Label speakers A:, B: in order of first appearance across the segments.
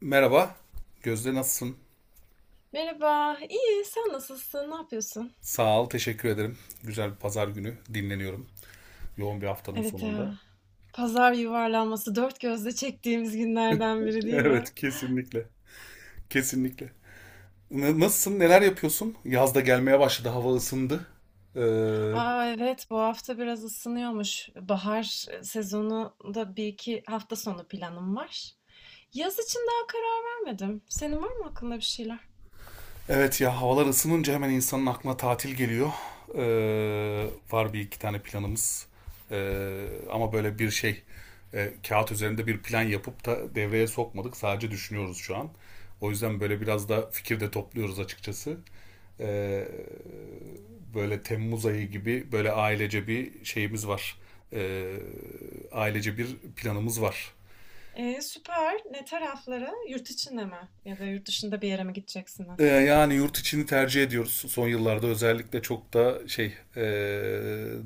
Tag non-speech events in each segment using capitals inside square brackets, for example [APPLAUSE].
A: Merhaba. Gözde, nasılsın?
B: Merhaba, iyi. Sen nasılsın? Ne yapıyorsun?
A: Sağ ol, teşekkür ederim. Güzel bir pazar günü dinleniyorum. Yoğun bir haftanın
B: Evet
A: sonunda.
B: ya. Pazar yuvarlanması dört gözle çektiğimiz günlerden biri
A: [LAUGHS]
B: değil mi?
A: Evet, kesinlikle. Kesinlikle. Nasılsın? Neler yapıyorsun? Yaz da gelmeye başladı. Hava ısındı. Ee,
B: Aa evet, bu hafta biraz ısınıyormuş. Bahar sezonunda bir iki hafta sonu planım var. Yaz için daha karar vermedim. Senin var mı aklında bir şeyler?
A: evet ya, havalar ısınınca hemen insanın aklına tatil geliyor. Var bir iki tane planımız. Ama böyle bir şey, kağıt üzerinde bir plan yapıp da devreye sokmadık. Sadece düşünüyoruz şu an. O yüzden böyle biraz da fikir de topluyoruz açıkçası. e, Böyle Temmuz ayı gibi böyle ailece bir şeyimiz var. E, Ailece bir planımız var.
B: Süper. Ne taraflara? Yurt içinde mi? Ya da yurt dışında bir yere mi gideceksiniz?
A: Yani yurt içini tercih ediyoruz. Son yıllarda özellikle çok da şey,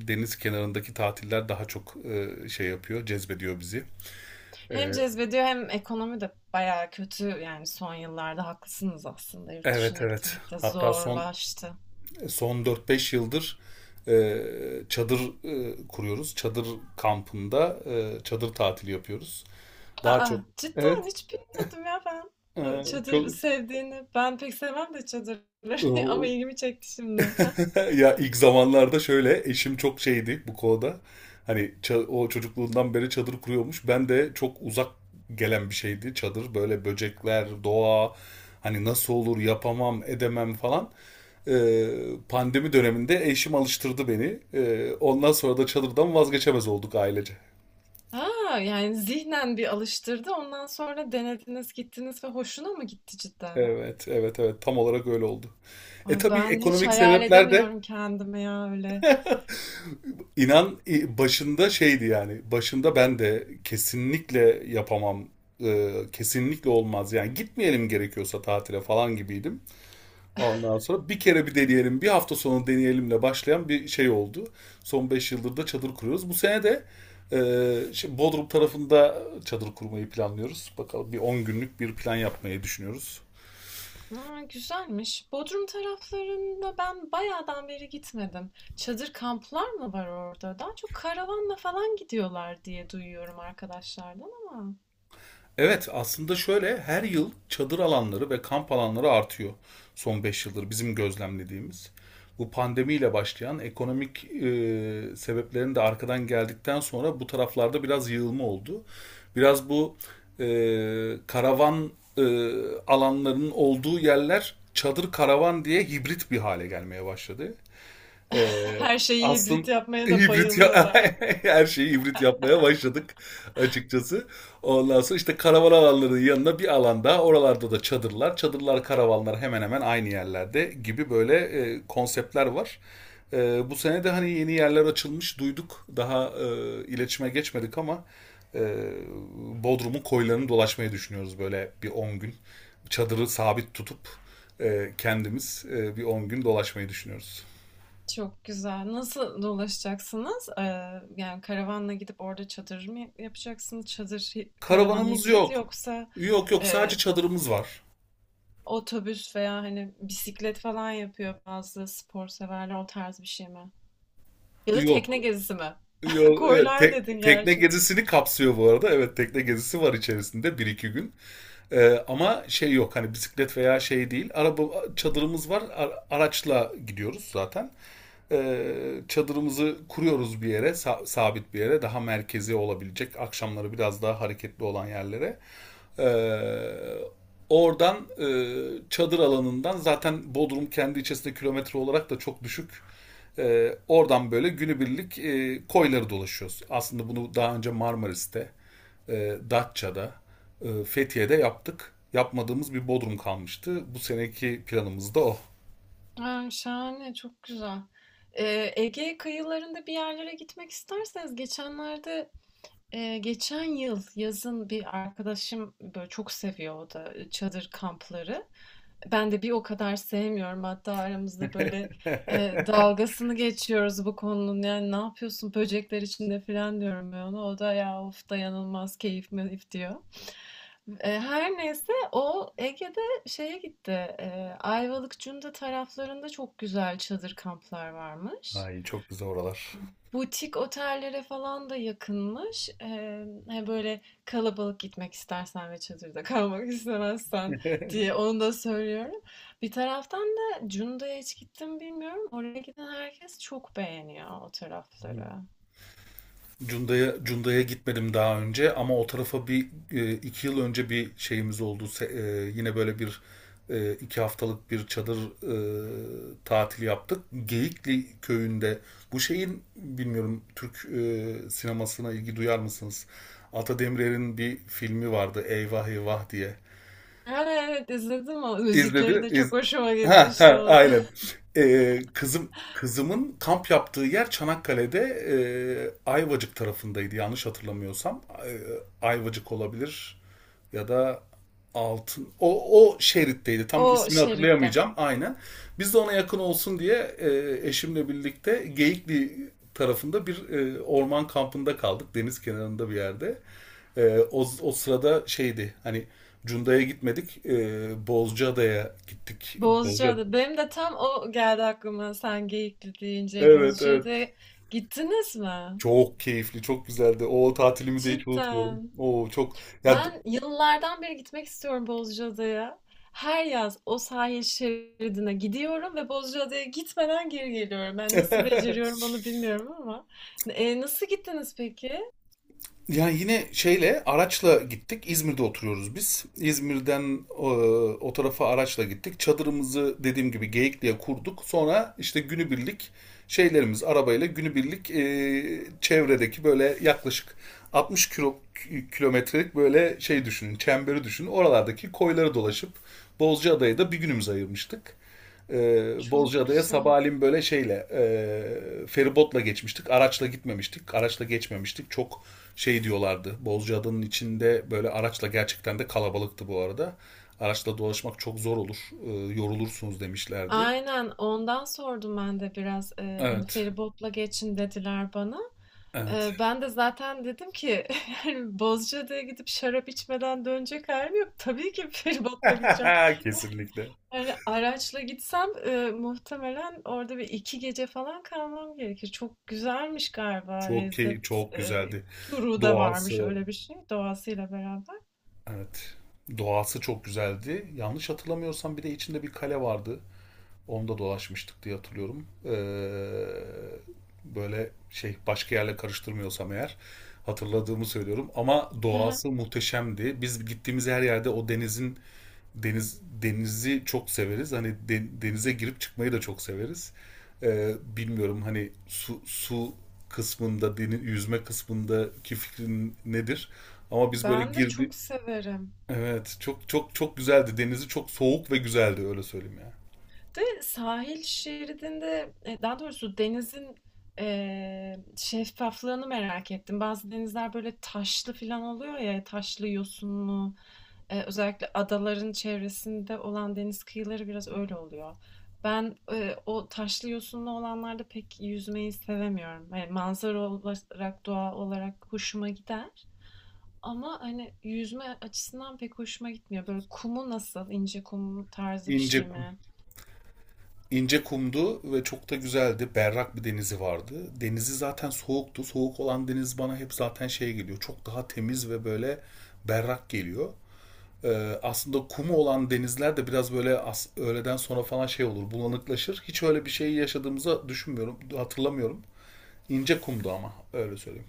A: deniz kenarındaki tatiller daha çok şey yapıyor, cezbediyor bizi.
B: Hem
A: E,
B: cezbediyor hem ekonomi de bayağı kötü, yani son yıllarda haklısınız, aslında yurt
A: evet,
B: dışına
A: evet.
B: gitmek de
A: Hatta son
B: zorlaştı.
A: son dört beş yıldır e, çadır kuruyoruz. Çadır kampında çadır tatili yapıyoruz. Daha
B: Aa
A: çok.
B: cidden
A: Evet.
B: hiç bilmiyordum ya ben
A: e,
B: bu çadır
A: Çok.
B: sevdiğini. Ben pek sevmem de çadırları [LAUGHS] ama
A: Oo. [LAUGHS]
B: ilgimi çekti şimdi. Ha,
A: Ya, ilk zamanlarda şöyle eşim çok şeydi bu konuda. Hani o çocukluğundan beri çadır kuruyormuş. Ben de çok uzak gelen bir şeydi çadır. Böyle böcekler, doğa, hani nasıl olur, yapamam, edemem falan. Ee, Pandemi döneminde eşim alıştırdı beni. Ondan sonra da çadırdan vazgeçemez olduk ailece.
B: ha, yani zihnen bir alıştırdı, ondan sonra denediniz gittiniz ve hoşuna mı gitti cidden?
A: Evet, evet, evet. Tam olarak öyle oldu.
B: Ay,
A: Tabii
B: ben hiç
A: ekonomik
B: hayal
A: sebepler de.
B: edemiyorum kendime ya öyle.
A: İnan, başında şeydi yani. Başında ben de kesinlikle yapamam, kesinlikle olmaz. Yani gitmeyelim gerekiyorsa tatile falan gibiydim. Ondan sonra bir kere bir deneyelim, bir hafta sonu deneyelimle başlayan bir şey oldu. Son 5 yıldır da çadır kuruyoruz. Bu sene de şey, Bodrum tarafında çadır kurmayı planlıyoruz. Bakalım, bir 10 günlük bir plan yapmayı düşünüyoruz.
B: Aa, güzelmiş. Bodrum taraflarında ben bayağıdan beri gitmedim. Çadır kamplar mı var orada? Daha çok karavanla falan gidiyorlar diye duyuyorum arkadaşlardan ama
A: Evet, aslında şöyle her yıl çadır alanları ve kamp alanları artıyor, son 5 yıldır bizim gözlemlediğimiz. Bu pandemiyle başlayan ekonomik sebeplerin de arkadan geldikten sonra bu taraflarda biraz yığılma oldu. Biraz bu e, karavan e, alanlarının olduğu yerler çadır karavan diye hibrit bir hale gelmeye başladı.
B: [LAUGHS]
A: Eee,
B: her şeyi
A: aslın,
B: hibrit yapmaya da
A: hibrit ya,
B: bayılıyorlar.
A: [LAUGHS] her şeyi hibrit yapmaya başladık açıkçası. Ondan sonra işte karavan alanlarının yanına bir alanda oralarda da çadırlar. Çadırlar, karavanlar hemen hemen aynı yerlerde gibi böyle konseptler var. Bu sene de hani yeni yerler açılmış, duyduk. Daha iletişime geçmedik ama e, Bodrum'un koylarını dolaşmayı düşünüyoruz, böyle bir 10 gün. Çadırı sabit tutup kendimiz bir 10 gün dolaşmayı düşünüyoruz.
B: Çok güzel. Nasıl dolaşacaksınız? Yani karavanla gidip orada çadır mı yapacaksınız? Çadır, karavan
A: Karavanımız
B: hibrit
A: yok.
B: yoksa
A: Yok, yok, sadece
B: e,
A: çadırımız var.
B: otobüs veya hani bisiklet falan yapıyor bazı spor severler, o tarz bir şey mi? Ya da
A: Yok.
B: tekne gezisi mi?
A: Yok. Evet,
B: Koylar dedin
A: tekne
B: gerçi.
A: gezisini kapsıyor bu arada. Evet, tekne gezisi var içerisinde bir iki gün. Ama şey, yok hani bisiklet veya şey değil. Araba çadırımız var. Araçla gidiyoruz zaten. Çadırımızı kuruyoruz bir yere, sabit bir yere, daha merkezi olabilecek, akşamları biraz daha hareketli olan yerlere. Ee, Oradan çadır alanından, zaten Bodrum kendi içerisinde kilometre olarak da çok düşük. Oradan böyle günübirlik koyları dolaşıyoruz. Aslında bunu daha önce Marmaris'te, Datça'da, Fethiye'de yaptık. Yapmadığımız bir Bodrum kalmıştı. Bu seneki planımız da o.
B: Ha, şahane, çok güzel. Ege kıyılarında bir yerlere gitmek isterseniz, geçenlerde geçen yıl yazın bir arkadaşım böyle çok seviyor, o da çadır kampları. Ben de bir o kadar sevmiyorum. Hatta aramızda böyle
A: [LAUGHS]
B: dalgasını geçiyoruz bu konunun. Yani ne yapıyorsun böcekler içinde falan diyorum ben ona. O da ya of dayanılmaz keyif meyif diyor. E, her neyse o Ege'de şeye gitti. E, Ayvalık Cunda taraflarında çok güzel çadır kamplar varmış.
A: Ay, çok güzel oralar.
B: Butik otellere falan da yakınmış. Hani böyle kalabalık gitmek istersen ve çadırda kalmak [LAUGHS] istemezsen diye
A: [LAUGHS]
B: onu da söylüyorum. Bir taraftan da Cunda'ya hiç gittim bilmiyorum. Oraya giden herkes çok beğeniyor o tarafları.
A: Cunda'ya gitmedim daha önce, ama o tarafa bir 2 yıl önce bir şeyimiz oldu. Yine böyle bir 2 haftalık bir çadır tatil yaptık. Geyikli köyünde, bu şeyin, bilmiyorum, Türk sinemasına ilgi duyar mısınız? Ata Demirer'in bir filmi vardı, Eyvah Eyvah diye.
B: Ha, evet izledim o. Müzikleri
A: İzledi.
B: de çok hoşuma
A: Ha
B: gitmişti
A: ha,
B: o. [LAUGHS]
A: aynen. Kızımın kamp yaptığı yer Çanakkale'de, e, Ayvacık tarafındaydı, yanlış hatırlamıyorsam. Ayvacık olabilir ya da Altın. O şeritteydi. Tam
B: O
A: ismini
B: şeritte.
A: hatırlayamayacağım. Aynen. Biz de ona yakın olsun diye eşimle birlikte Geyikli tarafında bir orman kampında kaldık, deniz kenarında bir yerde. O sırada şeydi, hani Cunda'ya gitmedik. Bozcaada'ya gittik. Bozca.
B: Bozcaada. Benim de tam o geldi aklıma sen Geyikli deyince.
A: Evet, evet.
B: Bozcaada'ya gittiniz mi?
A: Çok keyifli, çok güzeldi. O tatilimi de hiç unutmuyorum.
B: Cidden.
A: Oo, çok ya.
B: Ben yıllardan beri gitmek istiyorum Bozcaada'ya. Her yaz o sahil şeridine gidiyorum ve Bozcaada'ya gitmeden geri geliyorum. Ben nasıl beceriyorum onu
A: [LAUGHS]
B: bilmiyorum ama. E, nasıl gittiniz peki?
A: Yani yine şeyle, araçla gittik. İzmir'de oturuyoruz biz. İzmir'den o tarafa araçla gittik. Çadırımızı, dediğim gibi, Geyikli'ye kurduk. Sonra işte günübirlik şeylerimiz, arabayla günübirlik çevredeki, böyle yaklaşık 60 kilometrelik böyle şey düşünün, çemberi düşünün. Oralardaki koyları dolaşıp Bozcaada'ya da bir günümüz ayırmıştık.
B: Çok
A: Bozcaada'ya
B: güzel.
A: sabahleyin böyle şeyle, feribotla geçmiştik. Araçla gitmemiştik. Araçla geçmemiştik. Çok şey diyorlardı. Bozcaada'nın içinde böyle araçla, gerçekten de kalabalıktı bu arada. Araçla dolaşmak çok zor olur, yorulursunuz demişlerdi.
B: Aynen ondan sordum ben de biraz. E, hani
A: Evet.
B: feribotla geçin dediler bana.
A: Evet.
B: E, ben de zaten dedim ki [LAUGHS] yani Bozcaada'ya gidip şarap içmeden dönecek halim yok. Tabii ki feribotla gideceğim.
A: [LAUGHS] Kesinlikle.
B: Yani araçla gitsem, muhtemelen orada bir 2 gece falan kalmam gerekir. Çok güzelmiş galiba lezzet,
A: Çok güzeldi.
B: turu da varmış
A: Doğası,
B: öyle bir şey, doğasıyla beraber.
A: evet. Doğası çok güzeldi. Yanlış hatırlamıyorsam, bir de içinde bir kale vardı. Onda dolaşmıştık diye hatırlıyorum. Böyle şey, başka yerle karıştırmıyorsam eğer, hatırladığımı söylüyorum. Ama
B: Hı,
A: doğası muhteşemdi. Biz gittiğimiz her yerde o denizin deniz denizi çok severiz. Hani denize girip çıkmayı da çok severiz. Bilmiyorum, hani su kısmında, deniz yüzme kısmındaki fikrin nedir? Ama biz böyle
B: ben de
A: girdi.
B: çok severim.
A: Evet, çok çok çok güzeldi. Denizi çok soğuk ve güzeldi, öyle söyleyeyim ya.
B: De sahil şeridinde, daha doğrusu denizin şeffaflığını merak ettim. Bazı denizler böyle taşlı falan oluyor ya, taşlı, yosunlu. E, özellikle adaların çevresinde olan deniz kıyıları biraz öyle oluyor. Ben o taşlı yosunlu olanlarda pek yüzmeyi sevemiyorum. Yani manzara olarak, doğa olarak hoşuma gider. Ama hani yüzme açısından pek hoşuma gitmiyor. Böyle kumu nasıl, ince kum tarzı bir şey
A: İnce kum.
B: mi?
A: İnce kumdu ve çok da güzeldi. Berrak bir denizi vardı. Denizi zaten soğuktu. Soğuk olan deniz bana hep zaten şey geliyor. Çok daha temiz ve böyle berrak geliyor. Aslında kumu olan denizler de biraz böyle öğleden sonra falan şey olur, bulanıklaşır. Hiç öyle bir şey yaşadığımızı düşünmüyorum, hatırlamıyorum. İnce kumdu ama, öyle söyleyeyim.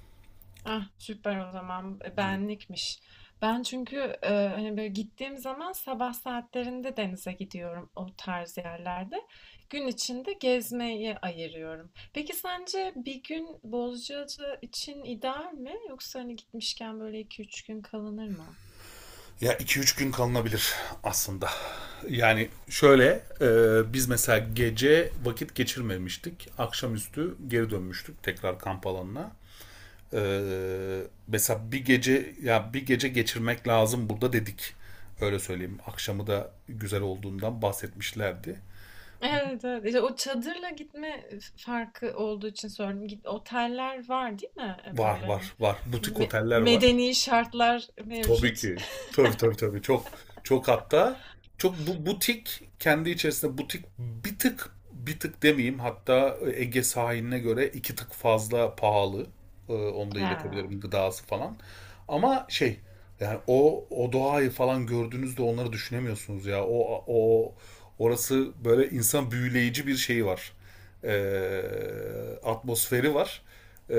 B: Ah, süper o zaman. E, benlikmiş. Ben çünkü hani böyle gittiğim zaman sabah saatlerinde denize gidiyorum o tarz yerlerde. Gün içinde gezmeyi ayırıyorum. Peki sence bir gün Bozcaada için ideal mi? Yoksa hani gitmişken böyle iki üç gün kalınır mı?
A: Ya, iki üç gün kalınabilir aslında. Yani şöyle, e, biz mesela gece vakit geçirmemiştik. Akşamüstü geri dönmüştük tekrar kamp alanına. Ee, mesela bir gece geçirmek lazım burada, dedik. Öyle söyleyeyim. Akşamı da güzel olduğundan bahsetmişlerdi.
B: Evet, evet. İşte o çadırla gitme farkı olduğu için sordum. Git, oteller var değil mi? E,
A: Var,
B: böyle
A: var,
B: hani
A: var. Butik oteller var.
B: medeni şartlar
A: Tabii
B: mevcut.
A: ki.
B: [LAUGHS]
A: Tabii, tabii, tabii. Çok, çok, hatta çok, bu butik kendi içerisinde butik bir tık, bir tık demeyeyim, hatta Ege sahiline göre iki tık fazla pahalı. Onu da
B: Ha.
A: iletebilirim, gıdası falan. Ama şey, yani o doğayı falan gördüğünüzde onları düşünemiyorsunuz ya. O orası böyle insan, büyüleyici bir şeyi var, atmosferi var. E,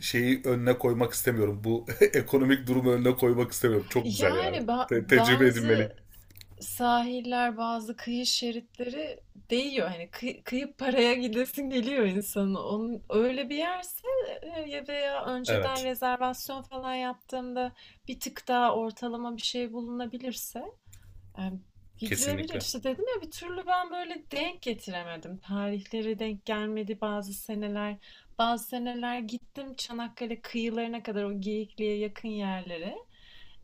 A: şeyi önüne koymak istemiyorum. Bu [LAUGHS] ekonomik durumu önüne koymak istemiyorum. Çok güzel
B: Yani
A: yani. Tecrübe edilmeli.
B: bazı sahiller, bazı kıyı şeritleri değiyor. Hani kıyıp paraya gidesin geliyor insanın. Onun, öyle bir yerse ya veya önceden
A: Evet.
B: rezervasyon falan yaptığımda bir tık daha ortalama bir şey bulunabilirse e, gidilebilir.
A: Kesinlikle.
B: İşte dedim ya bir türlü ben böyle denk getiremedim. Tarihleri denk gelmedi bazı seneler. Bazı seneler gittim Çanakkale kıyılarına kadar, o Geyikli'ye yakın yerlere.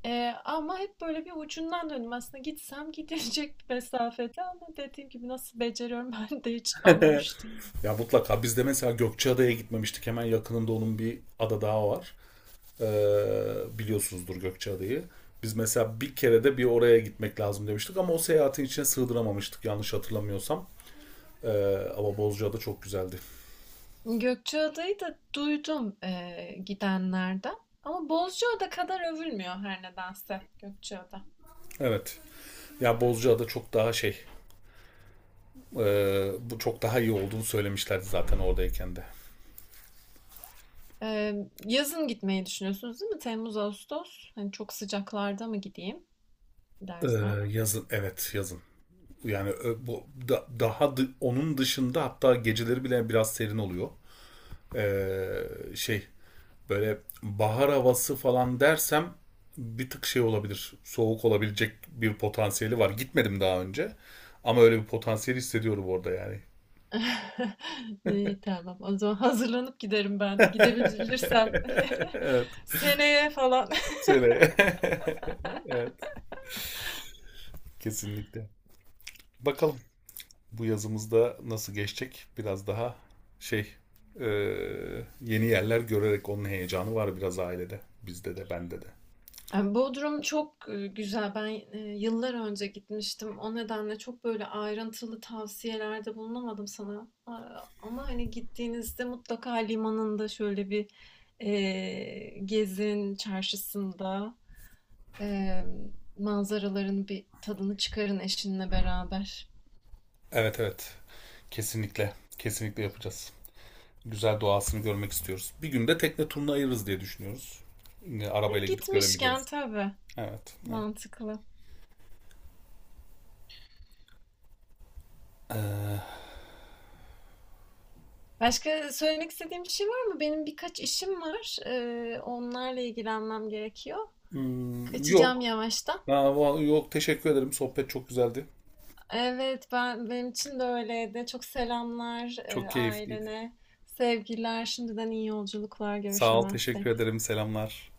B: Ama hep böyle bir ucundan döndüm. Aslında gitsem [LAUGHS] gidilecek bir mesafede, ama dediğim gibi nasıl beceriyorum [LAUGHS] ben de hiç anlamış değilim.
A: Ya, mutlaka biz de mesela Gökçeada'ya gitmemiştik. Hemen yakınında onun bir ada daha var. Ee, biliyorsunuzdur Gökçeada'yı. Biz mesela bir kere de bir oraya gitmek lazım demiştik, ama o seyahatin içine sığdıramamıştık, yanlış hatırlamıyorsam. Ama Bozcaada çok güzeldi.
B: Gökçeada'yı da duydum gidenlerden. Ama Bozcaada kadar övülmüyor her nedense Gökçeada.
A: Evet. Ya, Bozcaada çok daha şey. Bu çok daha iyi olduğunu söylemişlerdi zaten oradayken de.
B: Yazın gitmeyi düşünüyorsunuz değil mi? Temmuz, Ağustos. Hani çok sıcaklarda mı gideyim
A: Ee,
B: dersem?
A: yazın, evet, yazın. Yani bu daha onun dışında hatta geceleri bile biraz serin oluyor. Şey, böyle bahar havası falan dersem bir tık şey olabilir. Soğuk olabilecek bir potansiyeli var. Gitmedim daha önce. Ama öyle bir potansiyel hissediyorum orada yani.
B: [LAUGHS] İyi tamam. O zaman hazırlanıp giderim ben.
A: [LAUGHS]
B: Gidebilirsem. [LAUGHS]
A: Evet.
B: Seneye falan.
A: Söyle. [LAUGHS] Evet. Kesinlikle. Bakalım. Bu yazımızda nasıl geçecek, biraz daha şey, e, yeni yerler görerek, onun heyecanı var biraz ailede. Bizde de, bende de.
B: Bodrum çok, güzel. Ben, yıllar önce gitmiştim. O nedenle çok böyle ayrıntılı tavsiyelerde bulunamadım sana. Aaa, ama hani gittiğinizde mutlaka limanında şöyle bir, gezin, çarşısında, emm, manzaraların bir tadını çıkarın eşinle beraber.
A: Evet, evet, kesinlikle, kesinlikle yapacağız. Güzel doğasını görmek istiyoruz. Bir günde tekne turuna ayırırız diye düşünüyoruz.
B: E,
A: Arabayla gidip
B: gitmişken
A: göremeyeceğimiz.
B: tabii,
A: Evet, evet.
B: mantıklı.
A: Ee,
B: Başka söylemek istediğim bir şey var mı? Benim birkaç işim var. Onlarla ilgilenmem gerekiyor.
A: hmm,
B: Kaçacağım
A: yok.
B: yavaştan.
A: Ha, yok, teşekkür ederim. Sohbet çok güzeldi.
B: Evet, ben benim için de öyleydi. Çok selamlar e,
A: Çok keyifliydi.
B: ailene, sevgiler, şimdiden iyi yolculuklar
A: Sağ ol, teşekkür
B: görüşemezsek.
A: ederim. Selamlar.